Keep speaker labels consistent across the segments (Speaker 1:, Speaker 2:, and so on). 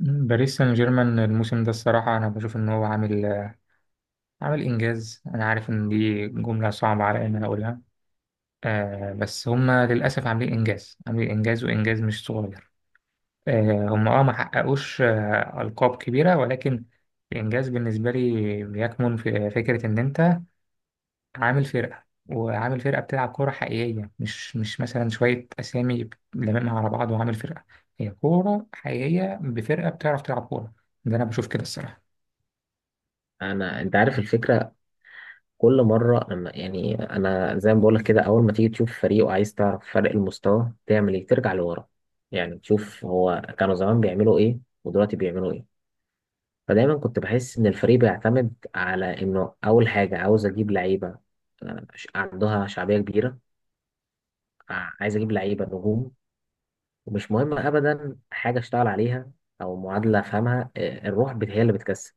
Speaker 1: باريس سان جيرمان الموسم ده الصراحة أنا بشوف إن هو عامل إنجاز. أنا عارف إن دي جملة صعبة على إن أنا أقولها. بس هما للأسف عاملين إنجاز، عاملين إنجاز، وإنجاز مش صغير. هما ما حققوش ألقاب كبيرة، ولكن الإنجاز بالنسبة لي بيكمن في فكرة إن أنت عامل فرقة، وعامل فرقة بتلعب كورة حقيقية، مش مثلا شوية أسامي لممها على بعض، وعامل فرقة هي كورة حقيقية بفرقة بتعرف تلعب كورة. ده أنا بشوف كده الصراحة.
Speaker 2: انت عارف الفكره. كل مره لما يعني انا زي ما بقول لك كده، اول ما تيجي تشوف فريق وعايز تعرف فرق المستوى تعمل ايه؟ ترجع لورا، يعني تشوف هو كانوا زمان بيعملوا ايه ودلوقتي بيعملوا ايه. فدايما كنت بحس ان الفريق بيعتمد على انه اول حاجه عاوز اجيب لعيبه عندها شعبيه كبيره، عايز اجيب لعيبه نجوم، ومش مهم ابدا حاجه اشتغل عليها او معادله افهمها. الروح هي اللي بتكسب.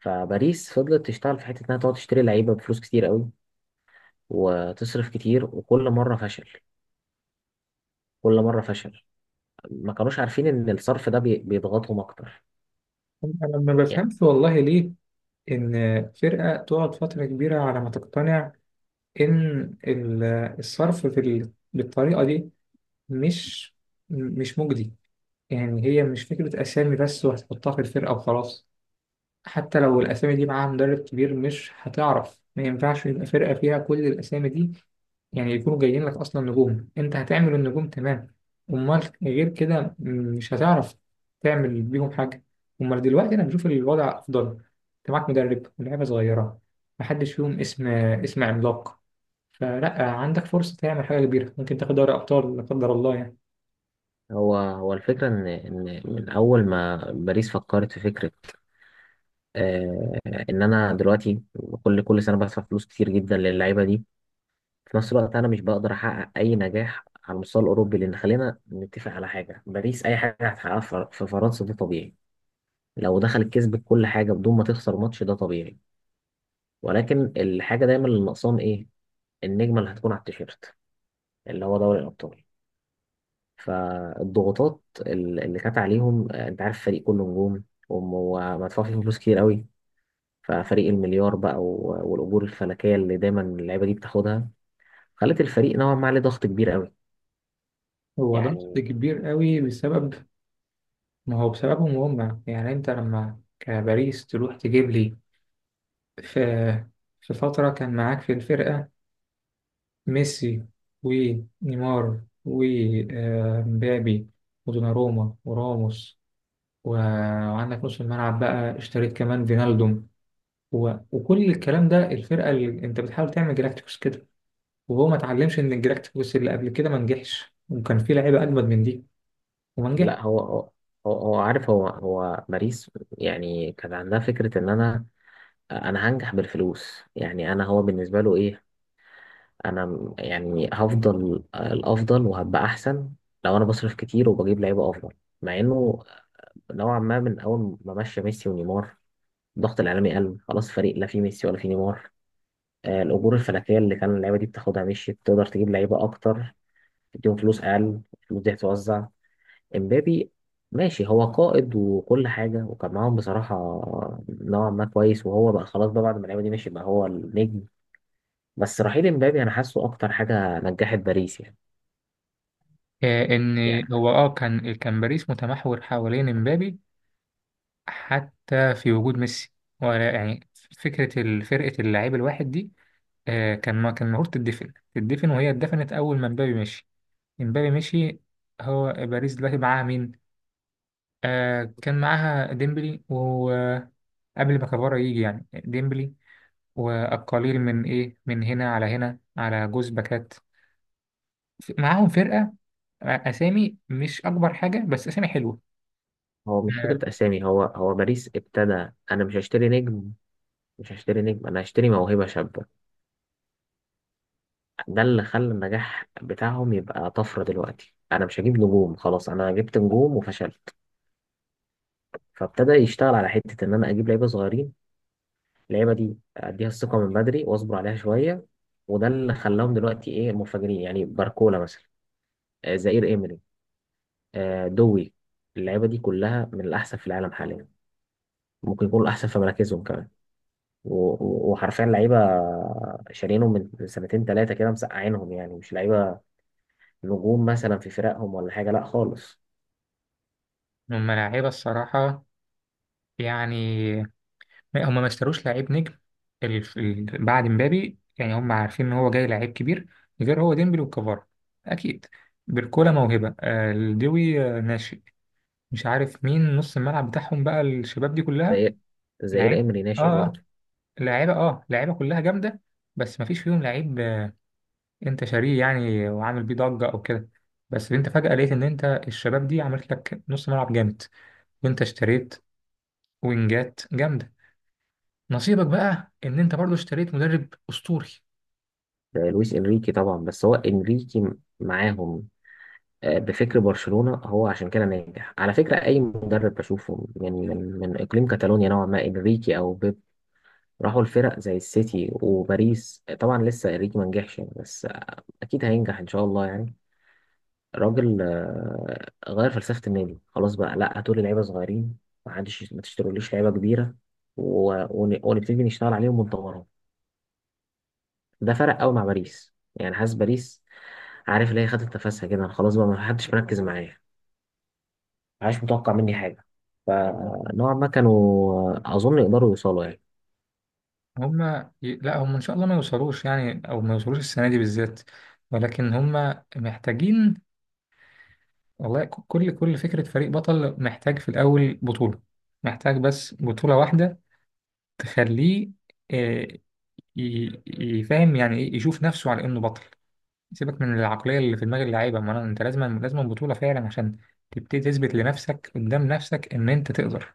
Speaker 2: فباريس فضلت تشتغل في حته انها تقعد تشتري لعيبه بفلوس كتير قوي وتصرف كتير، وكل مرة فشل، كل مرة فشل. ما كانوش عارفين إن الصرف ده بيضغطهم أكتر.
Speaker 1: انا ما
Speaker 2: يعني
Speaker 1: بفهمش والله ليه ان فرقه تقعد فتره كبيره على ما تقتنع ان الصرف في بالطريقه دي مش مش مجدي. يعني هي مش فكره اسامي بس وهتحطها في الفرقه وخلاص. حتى لو الأسامي دي معاها مدرب كبير مش هتعرف، ما ينفعش يبقى فرقة فيها كل الأسامي دي. يعني يكونوا جايين لك أصلا نجوم، أنت هتعمل النجوم؟ تمام. أمال غير كده مش هتعرف تعمل بيهم حاجة. أمال دلوقتي أنا بشوف الوضع أفضل، أنت معاك مدرب ولاعيبة صغيرة، محدش فيهم اسم عملاق، فلا عندك فرصة تعمل حاجة كبيرة، ممكن تاخد دوري أبطال لا قدر الله يعني.
Speaker 2: هو الفكرة إن من أول ما باريس فكرت في فكرة، آه إن أنا دلوقتي كل سنة بدفع فلوس كتير جدا للعيبة دي، في نفس الوقت أنا مش بقدر أحقق أي نجاح على المستوى الأوروبي. لأن خلينا نتفق على حاجة، باريس أي حاجة هتحققها في فرنسا ده طبيعي. لو دخلت كسبت كل حاجة بدون ما تخسر ماتش ده طبيعي. ولكن الحاجة دايما اللي ناقصاهم إيه؟ النجمه اللي هتكون على التيشيرت، اللي هو دوري الابطال. فالضغوطات اللي كانت عليهم، انت عارف فريق كله نجوم ومدفوع فيه فلوس كتير قوي، ففريق المليار بقى والاجور الفلكيه اللي دايما اللعيبه دي بتاخدها خلت الفريق نوعا ما عليه ضغط كبير قوي.
Speaker 1: هو ضغط
Speaker 2: يعني
Speaker 1: كبير قوي بسبب. ما هو بسببهم هم يعني. انت لما كباريس تروح تجيب لي في في فترة كان معاك في الفرقة ميسي ونيمار ومبابي ودوناروما وراموس و- وعندك نص الملعب، بقى اشتريت كمان فينالدوم و... وكل الكلام ده، الفرقة اللي انت بتحاول تعمل جلاكتيكوس كده، وهو ما اتعلمش ان الجلاكتيكوس اللي قبل كده ما نجحش، وكان في لعيبة اجمد من دي وما نجحش.
Speaker 2: لا، هو عارف، هو باريس يعني كان عندها فكره ان انا هنجح بالفلوس. يعني انا هو بالنسبه له ايه، انا يعني هفضل الافضل وهبقى احسن لو انا بصرف كتير وبجيب لعيبه افضل. مع انه نوعا ما من اول ما مشى ميسي ونيمار الضغط الاعلامي قل، خلاص فريق لا فيه ميسي ولا فيه نيمار. الاجور الفلكيه اللي كان اللعيبه دي بتاخدها مشيت، تقدر تجيب لعيبه اكتر، تديهم فلوس اقل، الفلوس دي هتتوزع. امبابي ماشي هو قائد وكل حاجه وكان معاهم بصراحه نوعا ما كويس، وهو بقى خلاص بقى بعد ما اللعيبه دي مشيت بقى هو النجم. بس رحيل امبابي انا حاسه اكتر حاجه نجحت باريس يعني.
Speaker 1: آه،
Speaker 2: يعني
Speaker 1: ان هو اه كان كان باريس متمحور حوالين امبابي، حتى في وجود ميسي، ولا يعني فكرة فرقة اللاعب الواحد دي. ما كان المفروض تدفن، تدفن، وهي اتدفنت أول ما مبابي مشي. مبابي مشي. هو باريس دلوقتي معاها مين؟ كان معاها ديمبلي، وقبل ما كفارة يجي يعني ديمبلي، والقليل من إيه من هنا على هنا على جوز باكات. معاهم فرقة، أسامي مش أكبر حاجة بس أسامي حلوة.
Speaker 2: هو مش
Speaker 1: آه،
Speaker 2: فكرة أسامي، هو باريس ابتدى: أنا مش هشتري نجم، مش هشتري نجم، أنا هشتري موهبة شابة. ده اللي خلى النجاح بتاعهم يبقى طفرة. دلوقتي أنا مش هجيب نجوم، خلاص أنا جبت نجوم وفشلت. فابتدى يشتغل على حتة إن أنا أجيب لعيبة صغيرين، اللعيبة دي أديها الثقة من بدري وأصبر عليها شوية. وده اللي خلاهم دلوقتي إيه منفجرين، يعني باركولا مثلا، زائير إيمري، دوي. اللعيبة دي كلها من الأحسن في العالم حاليا، ممكن يكونوا الأحسن في مراكزهم كمان. وحرفيا لعيبه شارينهم من سنتين ثلاثه كده، مسقعينهم، يعني مش لعيبه نجوم مثلا في فرقهم ولا حاجه، لا خالص.
Speaker 1: هم لاعيبة الصراحة. يعني هم ما اشتروش لعيب نجم. بعد مبابي يعني هم عارفين ان هو جاي لعيب كبير، غير هو ديمبلي وكفارا اكيد. بيركولا موهبه، الدوي ناشئ. مش عارف مين نص الملعب بتاعهم بقى، الشباب دي كلها
Speaker 2: زي زائير
Speaker 1: لعيبه.
Speaker 2: امري
Speaker 1: اه
Speaker 2: ناشئ
Speaker 1: آه،
Speaker 2: برضه.
Speaker 1: لعيبه كلها جامده. بس ما فيش فيهم لعيب، انت شاريه يعني وعامل بيه ضجه او كده. بس انت فجاه لقيت ان انت الشباب دي عملت لك نص ملعب جامد، وانت اشتريت وينجات جامده. نصيبك بقى ان انت برضو اشتريت مدرب اسطوري.
Speaker 2: ده لويس انريكي طبعا، بس هو انريكي معاهم. بفكر برشلونه هو عشان كده ناجح، على فكره اي مدرب بشوفه من اقليم كاتالونيا نوعا ما، انريكي او بيب، راحوا الفرق زي السيتي وباريس. طبعا لسه انريكي ما نجحش يعني، بس اكيد هينجح ان شاء الله يعني. راجل غير فلسفة النادي. خلاص بقى لا، هاتوا لي لعيبة صغيرين، ما عادش ما تشتروليش لعيبة كبيرة ونبتدي نشتغل عليهم ونطورهم. ده فرق قوي مع باريس، يعني حاسس باريس عارف اللي هي خدت نفسها كده خلاص بقى ما حدش مركز معايا، ما حدش متوقع مني حاجة. فنوعا ما كانوا، أظن يقدروا يوصلوا يعني.
Speaker 1: هما لا، هم ان شاء الله ما يوصلوش يعني، او ما يوصلوش السنه دي بالذات. ولكن هما محتاجين والله. كل فكره فريق بطل محتاج في الاول بطوله. محتاج بس بطوله واحده تخليه، آه، يفهم يعني ايه، يشوف نفسه على انه بطل. سيبك من العقليه اللي في دماغ اللعيبه. ما أنا- انت لازم بطوله فعلا عشان تبتدي تثبت لنفسك قدام نفسك ان انت تقدر.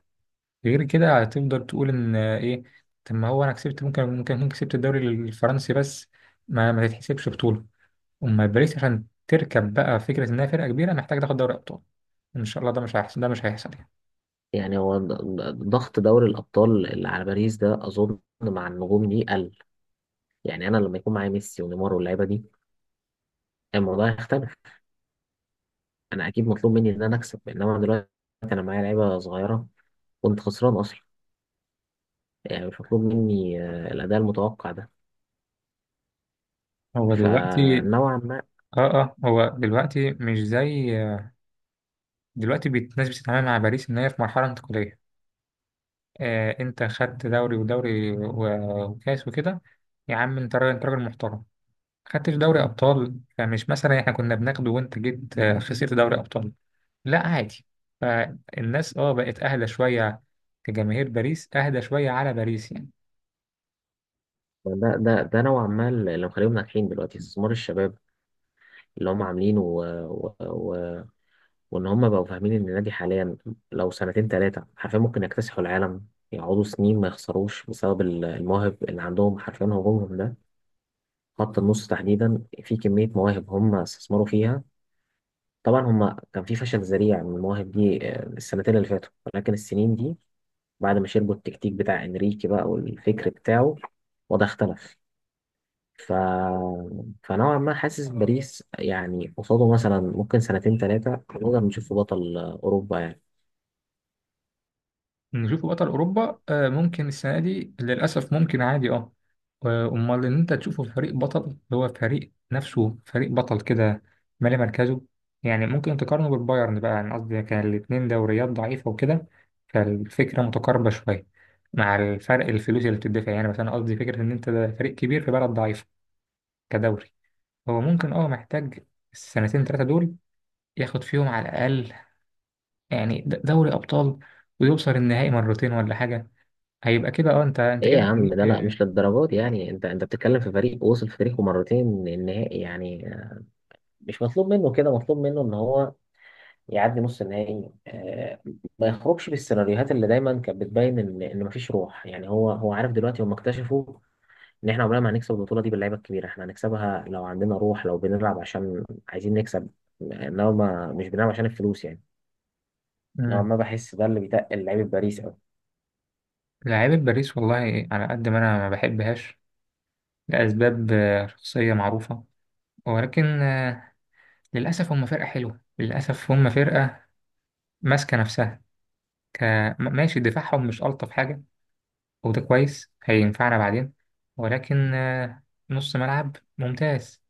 Speaker 1: غير كده هتفضل تقول ان ايه؟ طب ما هو انا كسبت، ممكن كسبت الدوري الفرنسي بس ما تتحسبش بطوله. اما باريس عشان تركب بقى فكره انها فرقه كبيره محتاج تاخد دوري ابطال، ان شاء الله ده مش هيحصل. ده مش هيحصل يعني.
Speaker 2: يعني هو ضغط دوري الأبطال اللي على باريس ده أظن مع النجوم دي قل. يعني أنا لما يكون معايا ميسي ونيمار واللعيبة دي الموضوع يختلف، انا اكيد مطلوب مني ان انا اكسب، انما دلوقتي انا معايا لعيبه صغيره، كنت خسران اصلا، يعني مش مطلوب مني الاداء المتوقع ده.
Speaker 1: هو دلوقتي
Speaker 2: فنوعا ما
Speaker 1: اه هو دلوقتي مش زي. دلوقتي الناس بتتعامل مع باريس ان هي في مرحله انتقاليه. انت خدت دوري ودوري و- وكاس وكده. يا عم انت راجل، انت راجل محترم. خدتش دوري ابطال، فمش مثلا احنا كنا بناخده وانت جيت خسرت دوري ابطال. لا، عادي. فالناس بقت اهدى شويه، كجماهير باريس اهدى شويه على باريس يعني.
Speaker 2: ده نوعا ما اللي مخليهم ناجحين دلوقتي استثمار الشباب اللي هم عاملينه، و... و... وان هم بقوا فاهمين ان النادي حاليا لو سنتين ثلاثه حرفيا ممكن يكتسحوا العالم، يقعدوا سنين ما يخسروش بسبب المواهب اللي عندهم. حرفيا هجومهم ده، خط النص تحديدا، في كميه مواهب هم استثمروا فيها. طبعا هما كان في فشل ذريع من المواهب دي السنتين اللي فاتوا، ولكن السنين دي بعد ما شربوا التكتيك بتاع انريكي بقى والفكر بتاعه وده اختلف. ف... فنوعا ما حاسس باريس يعني قصاده مثلا ممكن سنتين ثلاثة نقدر نشوفه بطل أوروبا يعني.
Speaker 1: نشوف بطل اوروبا؟ ممكن السنه دي للاسف، ممكن عادي. امال ان انت تشوفه في فريق بطل اللي هو فريق نفسه فريق بطل كده، مالي مركزه. يعني ممكن تقارنه بالبايرن بقى، يعني قصدي كان الاتنين دوريات ضعيفه وكده، فالفكره متقاربه شويه مع الفرق الفلوس اللي بتدفع يعني. مثلا قصدي فكره ان انت ده فريق كبير في بلد ضعيفه كدوري. هو ممكن محتاج السنتين تلاتة دول ياخد فيهم على الأقل، يعني دوري أبطال، ويوصل النهائي مرتين ولا حاجة. هيبقى كده انت
Speaker 2: ايه يا
Speaker 1: كده
Speaker 2: عم،
Speaker 1: فريق.
Speaker 2: ده لا مش للدرجات دي يعني، انت بتتكلم في فريق وصل في تاريخه مرتين النهائي يعني. مش مطلوب منه كده، مطلوب منه ان هو يعدي نص النهائي. ما يخرجش بالسيناريوهات اللي دايما كانت بتبين ان مفيش روح. يعني هو عارف دلوقتي هم اكتشفوا ان احنا عمرنا ما هنكسب البطوله دي باللعيبه الكبيره، احنا هنكسبها لو عندنا روح، لو بنلعب عشان عايزين نكسب، انما مش بنلعب عشان الفلوس يعني. نوعا
Speaker 1: مم.
Speaker 2: ما بحس ده اللي بيتقل لعيبه باريس
Speaker 1: لعيبة باريس والله على قد ما أنا ما بحبهاش لأسباب شخصية معروفة، ولكن للأسف هم فرقة حلوة. للأسف هم فرقة ماسكة نفسها. ك... ماشي، دفاعهم مش ألطف حاجة، وده كويس هينفعنا بعدين. ولكن نص ملعب ممتاز،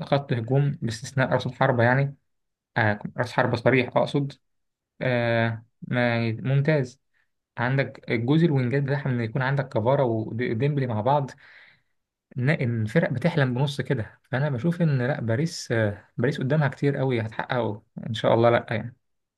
Speaker 1: خط هجوم باستثناء رأس الحربة يعني. رأس حربة صريح أقصد. ما ممتاز. عندك الجزء الوينجات بتاعها، إن يكون عندك كفارا وديمبلي مع بعض، إن الفرق بتحلم بنص كده. فأنا بشوف إن لا، باريس قدامها كتير قوي هتحققه إن شاء الله، لا يعني.